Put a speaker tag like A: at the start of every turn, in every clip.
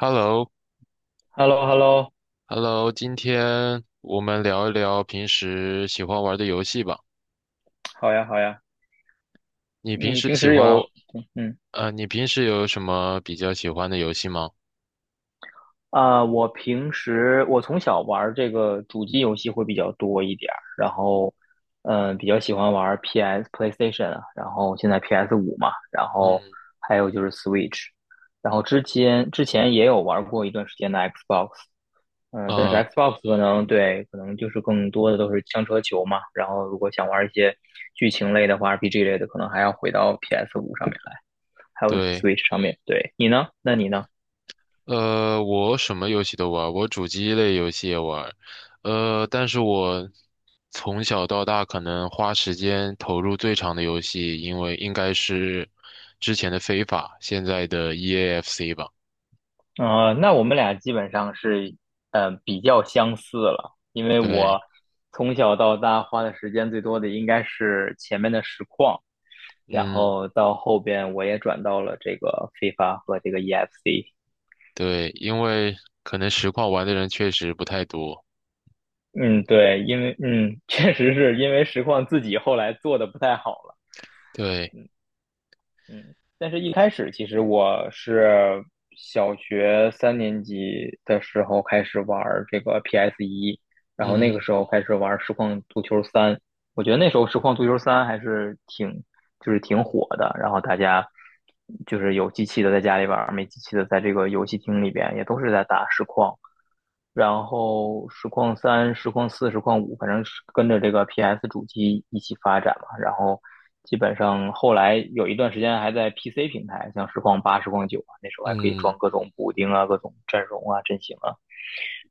A: h e l l o
B: h e l l o h e l l o
A: h e l l o 今天我们聊一聊平时喜欢玩的游戏吧。
B: 好呀，好呀。
A: 你平
B: 你
A: 时
B: 平
A: 喜
B: 时
A: 欢，
B: 有，嗯，
A: 你平时有什么比较喜欢的游戏吗？
B: 我平时我从小玩儿这个主机游戏会比较多一点儿，然后，比较喜欢玩 PS、PlayStation 啊，然后现在 PS 五嘛，然后
A: 嗯，
B: 还有就是 Switch，然后之前也有玩儿过一段时间的 Xbox。但是
A: 啊，
B: Xbox 可能对，可能就是更多的都是枪车球嘛。然后如果想玩儿一些剧情类的话，RPG 类的，可能还要回到 PS 五上面来。还有
A: 对，
B: Switch 上面。对，你呢？那你呢？
A: 我什么游戏都玩，我主机类游戏也玩，但是我从小到大可能花时间投入最长的游戏，因为应该是之前的非法，现在的 EAFC 吧。
B: 那我们俩基本上是，比较相似了，因为
A: 对，
B: 我从小到大花的时间最多的应该是前面的实况，然
A: 嗯。
B: 后到后边我也转到了这个 FIFA 和这个 EFC。
A: 对，因为可能实况玩的人确实不太多。
B: 嗯，对，因为确实是因为实况自己后来做的不太好了。
A: 对，
B: 嗯，但是一开始其实我是小学三年级的时候开始玩儿这个 PS 一，然后那个
A: 嗯
B: 时候开始玩儿实况足球三。我觉得那时候实况足球三还是挺就是挺火的，然后大家就是有机器的在家里玩儿，没机器的在这个游戏厅里边也都是在打实况。然后实况三、实况四、实况五，反正是跟着这个 PS 主机一起发展嘛。然后基本上后来有一段时间还在 PC 平台，像实况八、实况九啊，那时候还可以
A: 嗯，
B: 装各种补丁啊、各种阵容啊、阵型啊。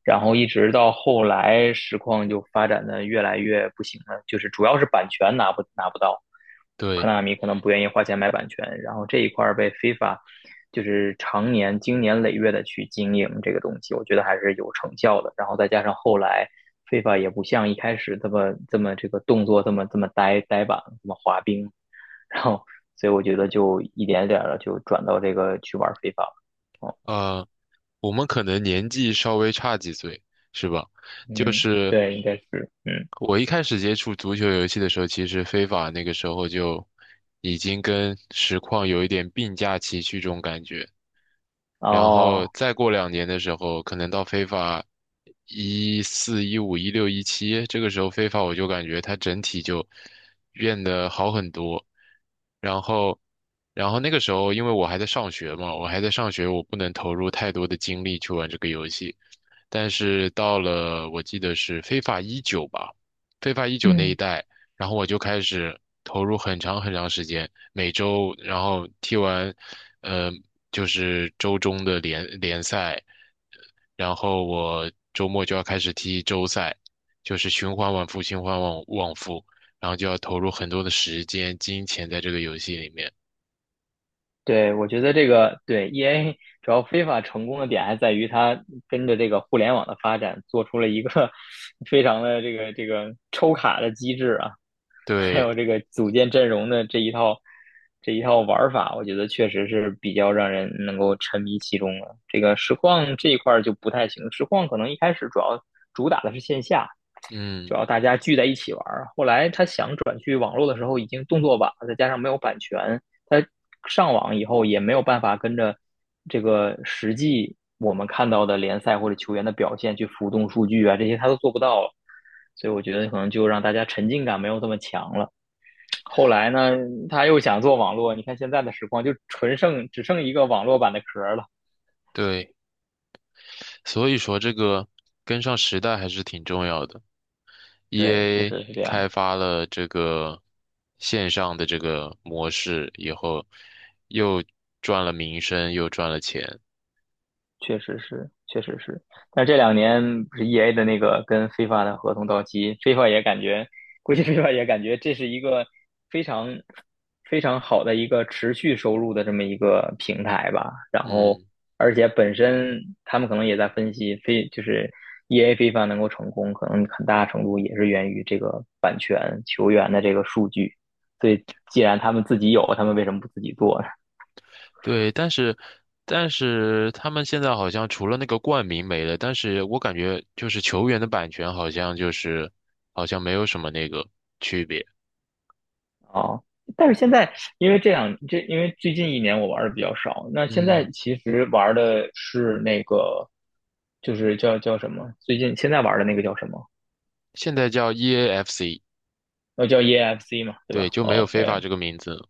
B: 然后一直到后来，实况就发展的越来越不行了，就是主要是版权拿不到，科
A: 对，
B: 纳米可能不愿意花钱买版权。然后这一块儿被 f 法，就是常年经年累月的去经营这个东西，我觉得还是有成效的。然后再加上后来 f 法也不像一开始这么这个动作这么呆板这么滑冰。然后所以我觉得就一点点的就转到这个去玩 f i f 了。哦，
A: 呃，我们可能年纪稍微差几岁，是吧？就
B: 嗯，
A: 是
B: 对，应该是，嗯，
A: 我一开始接触足球游戏的时候，其实非法那个时候就已经跟实况有一点并驾齐驱这种感觉。然后
B: 哦。
A: 再过两年的时候，可能到非法14、15、16、17，这个时候非法我就感觉它整体就变得好很多。然后，然后那个时候因为我还在上学嘛，我还在上学，我不能投入太多的精力去玩这个游戏。但是到了我记得是非法一九吧，非法一九那一
B: 嗯，
A: 代，然后我就开始投入很长很长时间，每周然后踢完。呃就是周中的联赛，然后我周末就要开始踢周赛，就是循环往复，循环往复，然后就要投入很多的时间、金钱在这个游戏里面。
B: 对，我觉得这个对 EA 主要非法成功的点还在于它跟着这个互联网的发展，做出了一个 非常的这个抽卡的机制啊，还
A: 对，
B: 有这个组建阵容的这一套玩儿法。我觉得确实是比较让人能够沉迷其中的。这个实况这一块儿就不太行，实况可能一开始主要主打的是线下，
A: 嗯，
B: 主要大家聚在一起玩。后来他想转去网络的时候，已经动作晚了，再加上没有版权，他上网以后也没有办法跟着这个实际我们看到的联赛或者球员的表现去浮动数据啊，这些他都做不到了。所以我觉得可能就让大家沉浸感没有这么强了。后来呢，他又想做网络，你看现在的实况就只剩一个网络版的壳了。
A: 对，所以说这个跟上时代还是挺重要的。
B: 对，确
A: EA
B: 实是这样。
A: 开发了这个线上的这个模式以后，又赚了名声，又赚了钱。
B: 确实是，确实是。但这两年不是 EA 的那个跟 FIFA 的合同到期，FIFA 也感觉，估计 FIFA 也感觉这是一个非常非常好的一个持续收入的这么一个平台吧。然后，
A: 嗯。
B: 而且本身他们可能也在分析，非就是 EA FIFA 能够成功，可能很大程度也是源于这个版权球员的这个数据。所以既然他们自己有，他们为什么不自己做？
A: 对，但是他们现在好像除了那个冠名没了，但是我感觉就是球员的版权好像就是好像没有什么那个区别。
B: 哦，但是现在因为这样，因为最近一年我玩的比较少，那现在
A: 嗯，
B: 其实玩的是那个，就是叫什么？最近现在玩的那个叫什么？
A: 现在叫 EAFC，
B: 叫 EFC 嘛，对
A: 对，
B: 吧
A: 就没有非法
B: ？OK。
A: 这个名字。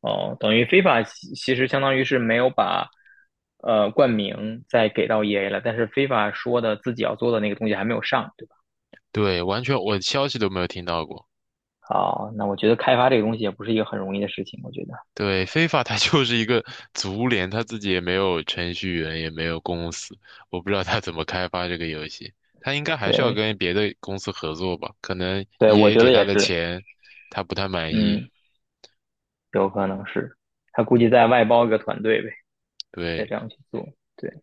B: 哦，等于 FIFA 其实相当于是没有把冠名再给到 EA 了，但是 FIFA 说的自己要做的那个东西还没有上，对吧？
A: 对，完全我消息都没有听到过。
B: 哦，那我觉得开发这个东西也不是一个很容易的事情，我觉得，
A: 对，非法它 就是一个足联，它自己也没有程序员，也没有公司，我不知道它怎么开发这个游戏。它应该还是要
B: 对，
A: 跟别的公司合作吧？可能
B: 对，我
A: EA
B: 觉
A: 给
B: 得
A: 他
B: 也
A: 的
B: 是。
A: 钱，他不太满意。
B: 嗯。有可能是他估计再外包一个团队呗，再这
A: 对，
B: 样去做。对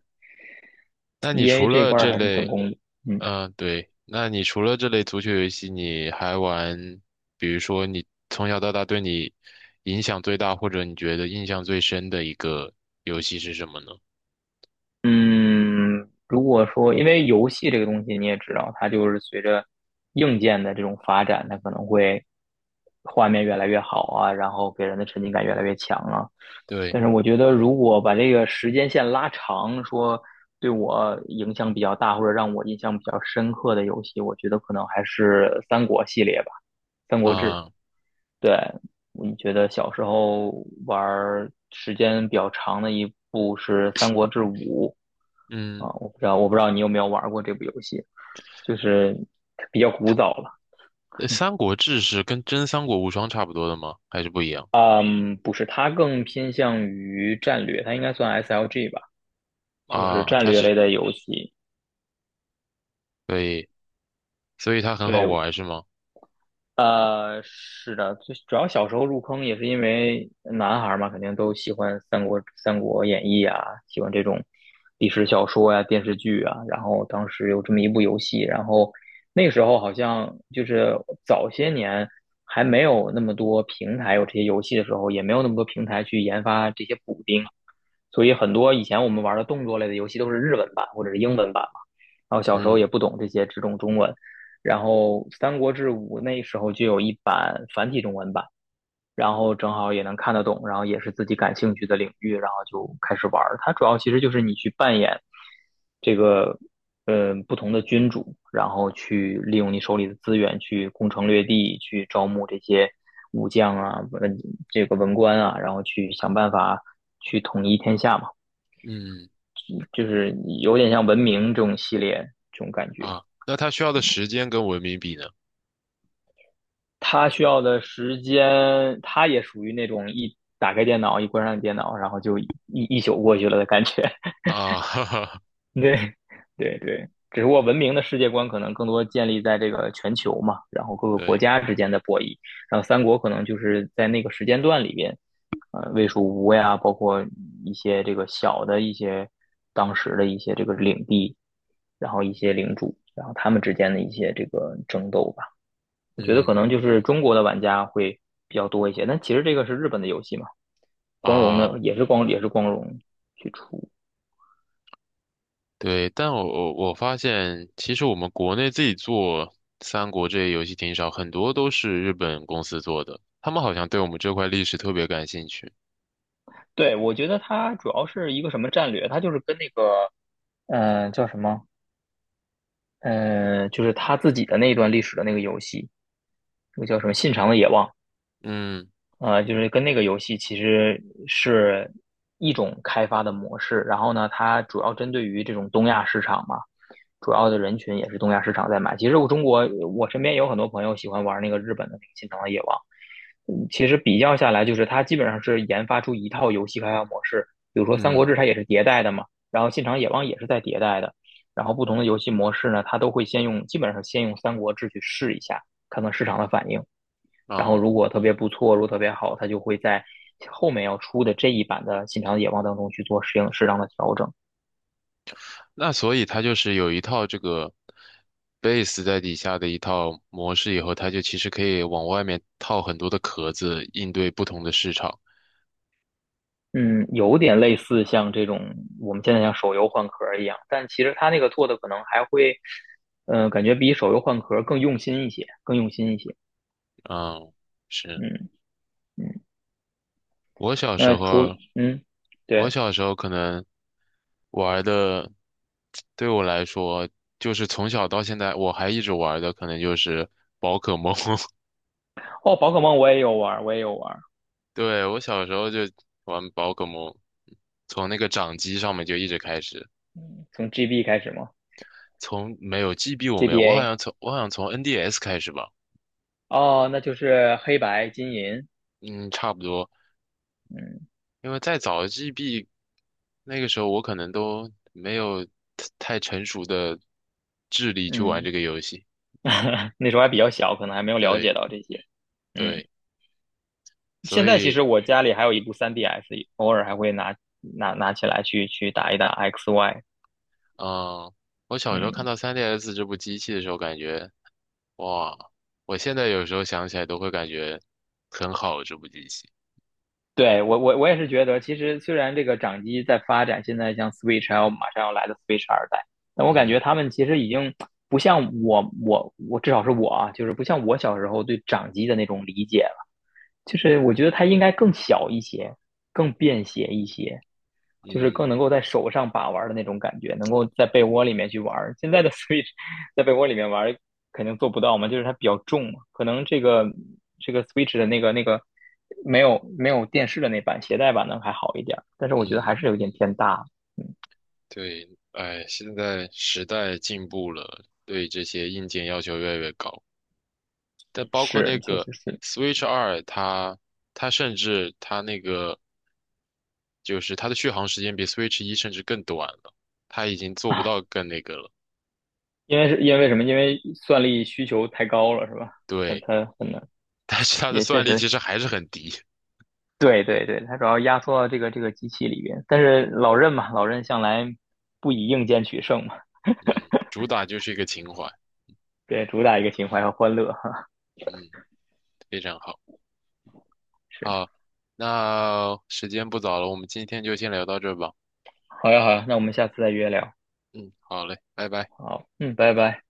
A: 那你除
B: ，EA 这
A: 了
B: 块儿
A: 这
B: 还是成
A: 类，
B: 功的。嗯。
A: 嗯、对，那你除了这类足球游戏，你还玩，比如说你从小到大对你影响最大，或者你觉得印象最深的一个游戏是什么呢？
B: 嗯，如果说因为游戏这个东西你也知道，它就是随着硬件的这种发展，它可能会画面越来越好啊，然后给人的沉浸感越来越强啊。
A: 对，
B: 但是我觉得，如果把这个时间线拉长，说对我影响比较大或者让我印象比较深刻的游戏，我觉得可能还是三国系列吧，《三国志》。
A: 啊、
B: 对，你觉得小时候玩儿时间比较长的一部是《三国志五》。
A: 嗯。
B: 我不知道，我不知道你有没有玩过这部游戏，就是比较古早了。
A: 《三国志》是跟真《三国无双》差不多的吗？还是不一样
B: 嗯，不是，它更偏向于战略，它应该算 SLG 吧，就是
A: 啊？
B: 战略类的游戏。
A: 对，所以它很好
B: 对，
A: 玩是吗？
B: 是的，最主要小时候入坑也是因为男孩儿嘛，肯定都喜欢三国《三国演义》啊，喜欢这种历史小说呀、电视剧啊。然后当时有这么一部游戏，然后那个时候好像就是早些年还没有那么多平台有这些游戏的时候，也没有那么多平台去研发这些补丁，所以很多以前我们玩的动作类的游戏都是日文版或者是英文版嘛。然后小时候
A: 嗯
B: 也不懂这些，只懂中文。然后《三国志五》那时候就有一版繁体中文版，然后正好也能看得懂，然后也是自己感兴趣的领域，然后就开始玩儿。它主要其实就是你去扮演这个不同的君主，然后去利用你手里的资源去攻城略地，去招募这些武将啊、这个文官啊，然后去想办法去统一天下嘛，
A: 嗯
B: 就是有点像文明这种系列这种感觉。
A: 啊，那它需要的时间跟文明比呢？
B: 他需要的时间，他也属于那种一打开电脑，一关上电脑，然后就一宿过去了的感觉。
A: 啊，哈哈，
B: 对，对对，只不过文明的世界观可能更多建立在这个全球嘛，然后各个国
A: 对，
B: 家之间的博弈。然后三国可能就是在那个时间段里边，魏蜀吴呀，包括一些这个小的一些当时的一些这个领地，然后一些领主，然后他们之间的一些这个争斗吧。我觉得可
A: 嗯
B: 能就是中国的玩家会比较多一些，但其实这个是日本的游戏嘛，光荣的
A: 啊，
B: 也是光荣去出。
A: 对，但我发现，其实我们国内自己做三国这些游戏挺少，很多都是日本公司做的，他们好像对我们这块历史特别感兴趣。
B: 对，我觉得它主要是一个什么战略，它就是跟那个呃叫什么呃，就是他自己的那一段历史的那个游戏，那个叫什么《信长的野望》。
A: 嗯
B: 就是跟那个游戏其实是一种开发的模式。然后呢，它主要针对于这种东亚市场嘛，主要的人群也是东亚市场在买。其实我中国，我身边有很多朋友喜欢玩那个日本的那个《心疼的野王》。嗯，其实比较下来，就是它基本上是研发出一套游戏开发模式。比如说《三国
A: 嗯
B: 志》它也是迭代的嘛，然后《信长野望》也是在迭代的。然后不同的游戏模式呢，它都会先用，基本上先用《三国志》去试一下，看看市场的反应。然后
A: 啊。
B: 如果特别不错，如果特别好，它就会在后面要出的这一版的《信长野望》当中去做适当的调整。
A: 那所以它就是有一套这个 base 在底下的一套模式，以后它就其实可以往外面套很多的壳子，应对不同的市场。
B: 嗯，有点类似像这种我们现在像手游换壳一样，但其实它那个做的可能还会，感觉比手游换壳更用心一些，更用心一些。
A: 嗯，是
B: 嗯。嗯。
A: 我小时
B: 那除
A: 候，
B: 嗯。
A: 我
B: 对。
A: 小时候可能玩的，对我来说，就是从小到现在我还一直玩的，可能就是宝可梦。
B: 哦，宝可梦我也有玩，我也有玩。
A: 对，我小时候就玩宝可梦，从那个掌机上面就一直开始。
B: 从 GB 开始吗
A: 从没有 GB 我没有，我好
B: ？GBA
A: 像从我好像从 NDS 开始吧，
B: 哦，那就是黑白金银。
A: 嗯，差不多，
B: 嗯。
A: 因为再早 GB 那个时候我可能都没有太成熟的智力去玩
B: 嗯，
A: 这个游戏，
B: 那时候还比较小，可能还没有了解
A: 对
B: 到这些。嗯，
A: 对，
B: 现
A: 所
B: 在其
A: 以
B: 实我家里还有一部 3DS，偶尔还会拿起来去打一打 XY。
A: 嗯，我小时候看
B: 嗯，
A: 到 3DS 这部机器的时候，感觉哇，我现在有时候想起来都会感觉很好这部机器，
B: 对，我我也是觉得，其实虽然这个掌机在发展，现在像 Switch 还有马上要来的 Switch 二代，但我感觉
A: 嗯
B: 他们其实已经不像我，至少是我啊，就是不像我小时候对掌机的那种理解了。就是我觉得它应该更小一些，更便携一些，就是更
A: 嗯
B: 能够在手上把玩的那种感觉，能够在被窝里面去玩。现在的 Switch 在被窝里面玩肯定做不到嘛，就是它比较重嘛，可能这个 Switch 的那个没有电视的那版携带版的还好一点，但是我觉得
A: 嗯。
B: 还是有点偏大。
A: 对，哎，现在时代进步了，对这些硬件要求越来越高。但包括那
B: 是，确
A: 个
B: 实是。
A: Switch 2，它甚至它那个就是它的续航时间比 Switch 1甚至更短了，它已经做不到更那个了。
B: 因为什么？因为算力需求太高了，是吧？它
A: 对，
B: 它很难，
A: 但是它的
B: 也确
A: 算力其
B: 实
A: 实还是很低。
B: 对对对。它主要压缩到这个机器里边。但是老任嘛，老任向来不以硬件取胜嘛。
A: 嗯，主打就是一个情怀。
B: 对，主打一个情怀和欢乐哈。
A: 嗯，非常好。
B: 是，
A: 好，那时间不早了，我们今天就先聊到这儿吧。
B: 好呀好呀，那我们下次再约聊。
A: 嗯，好嘞，拜拜。
B: 好，嗯，拜拜。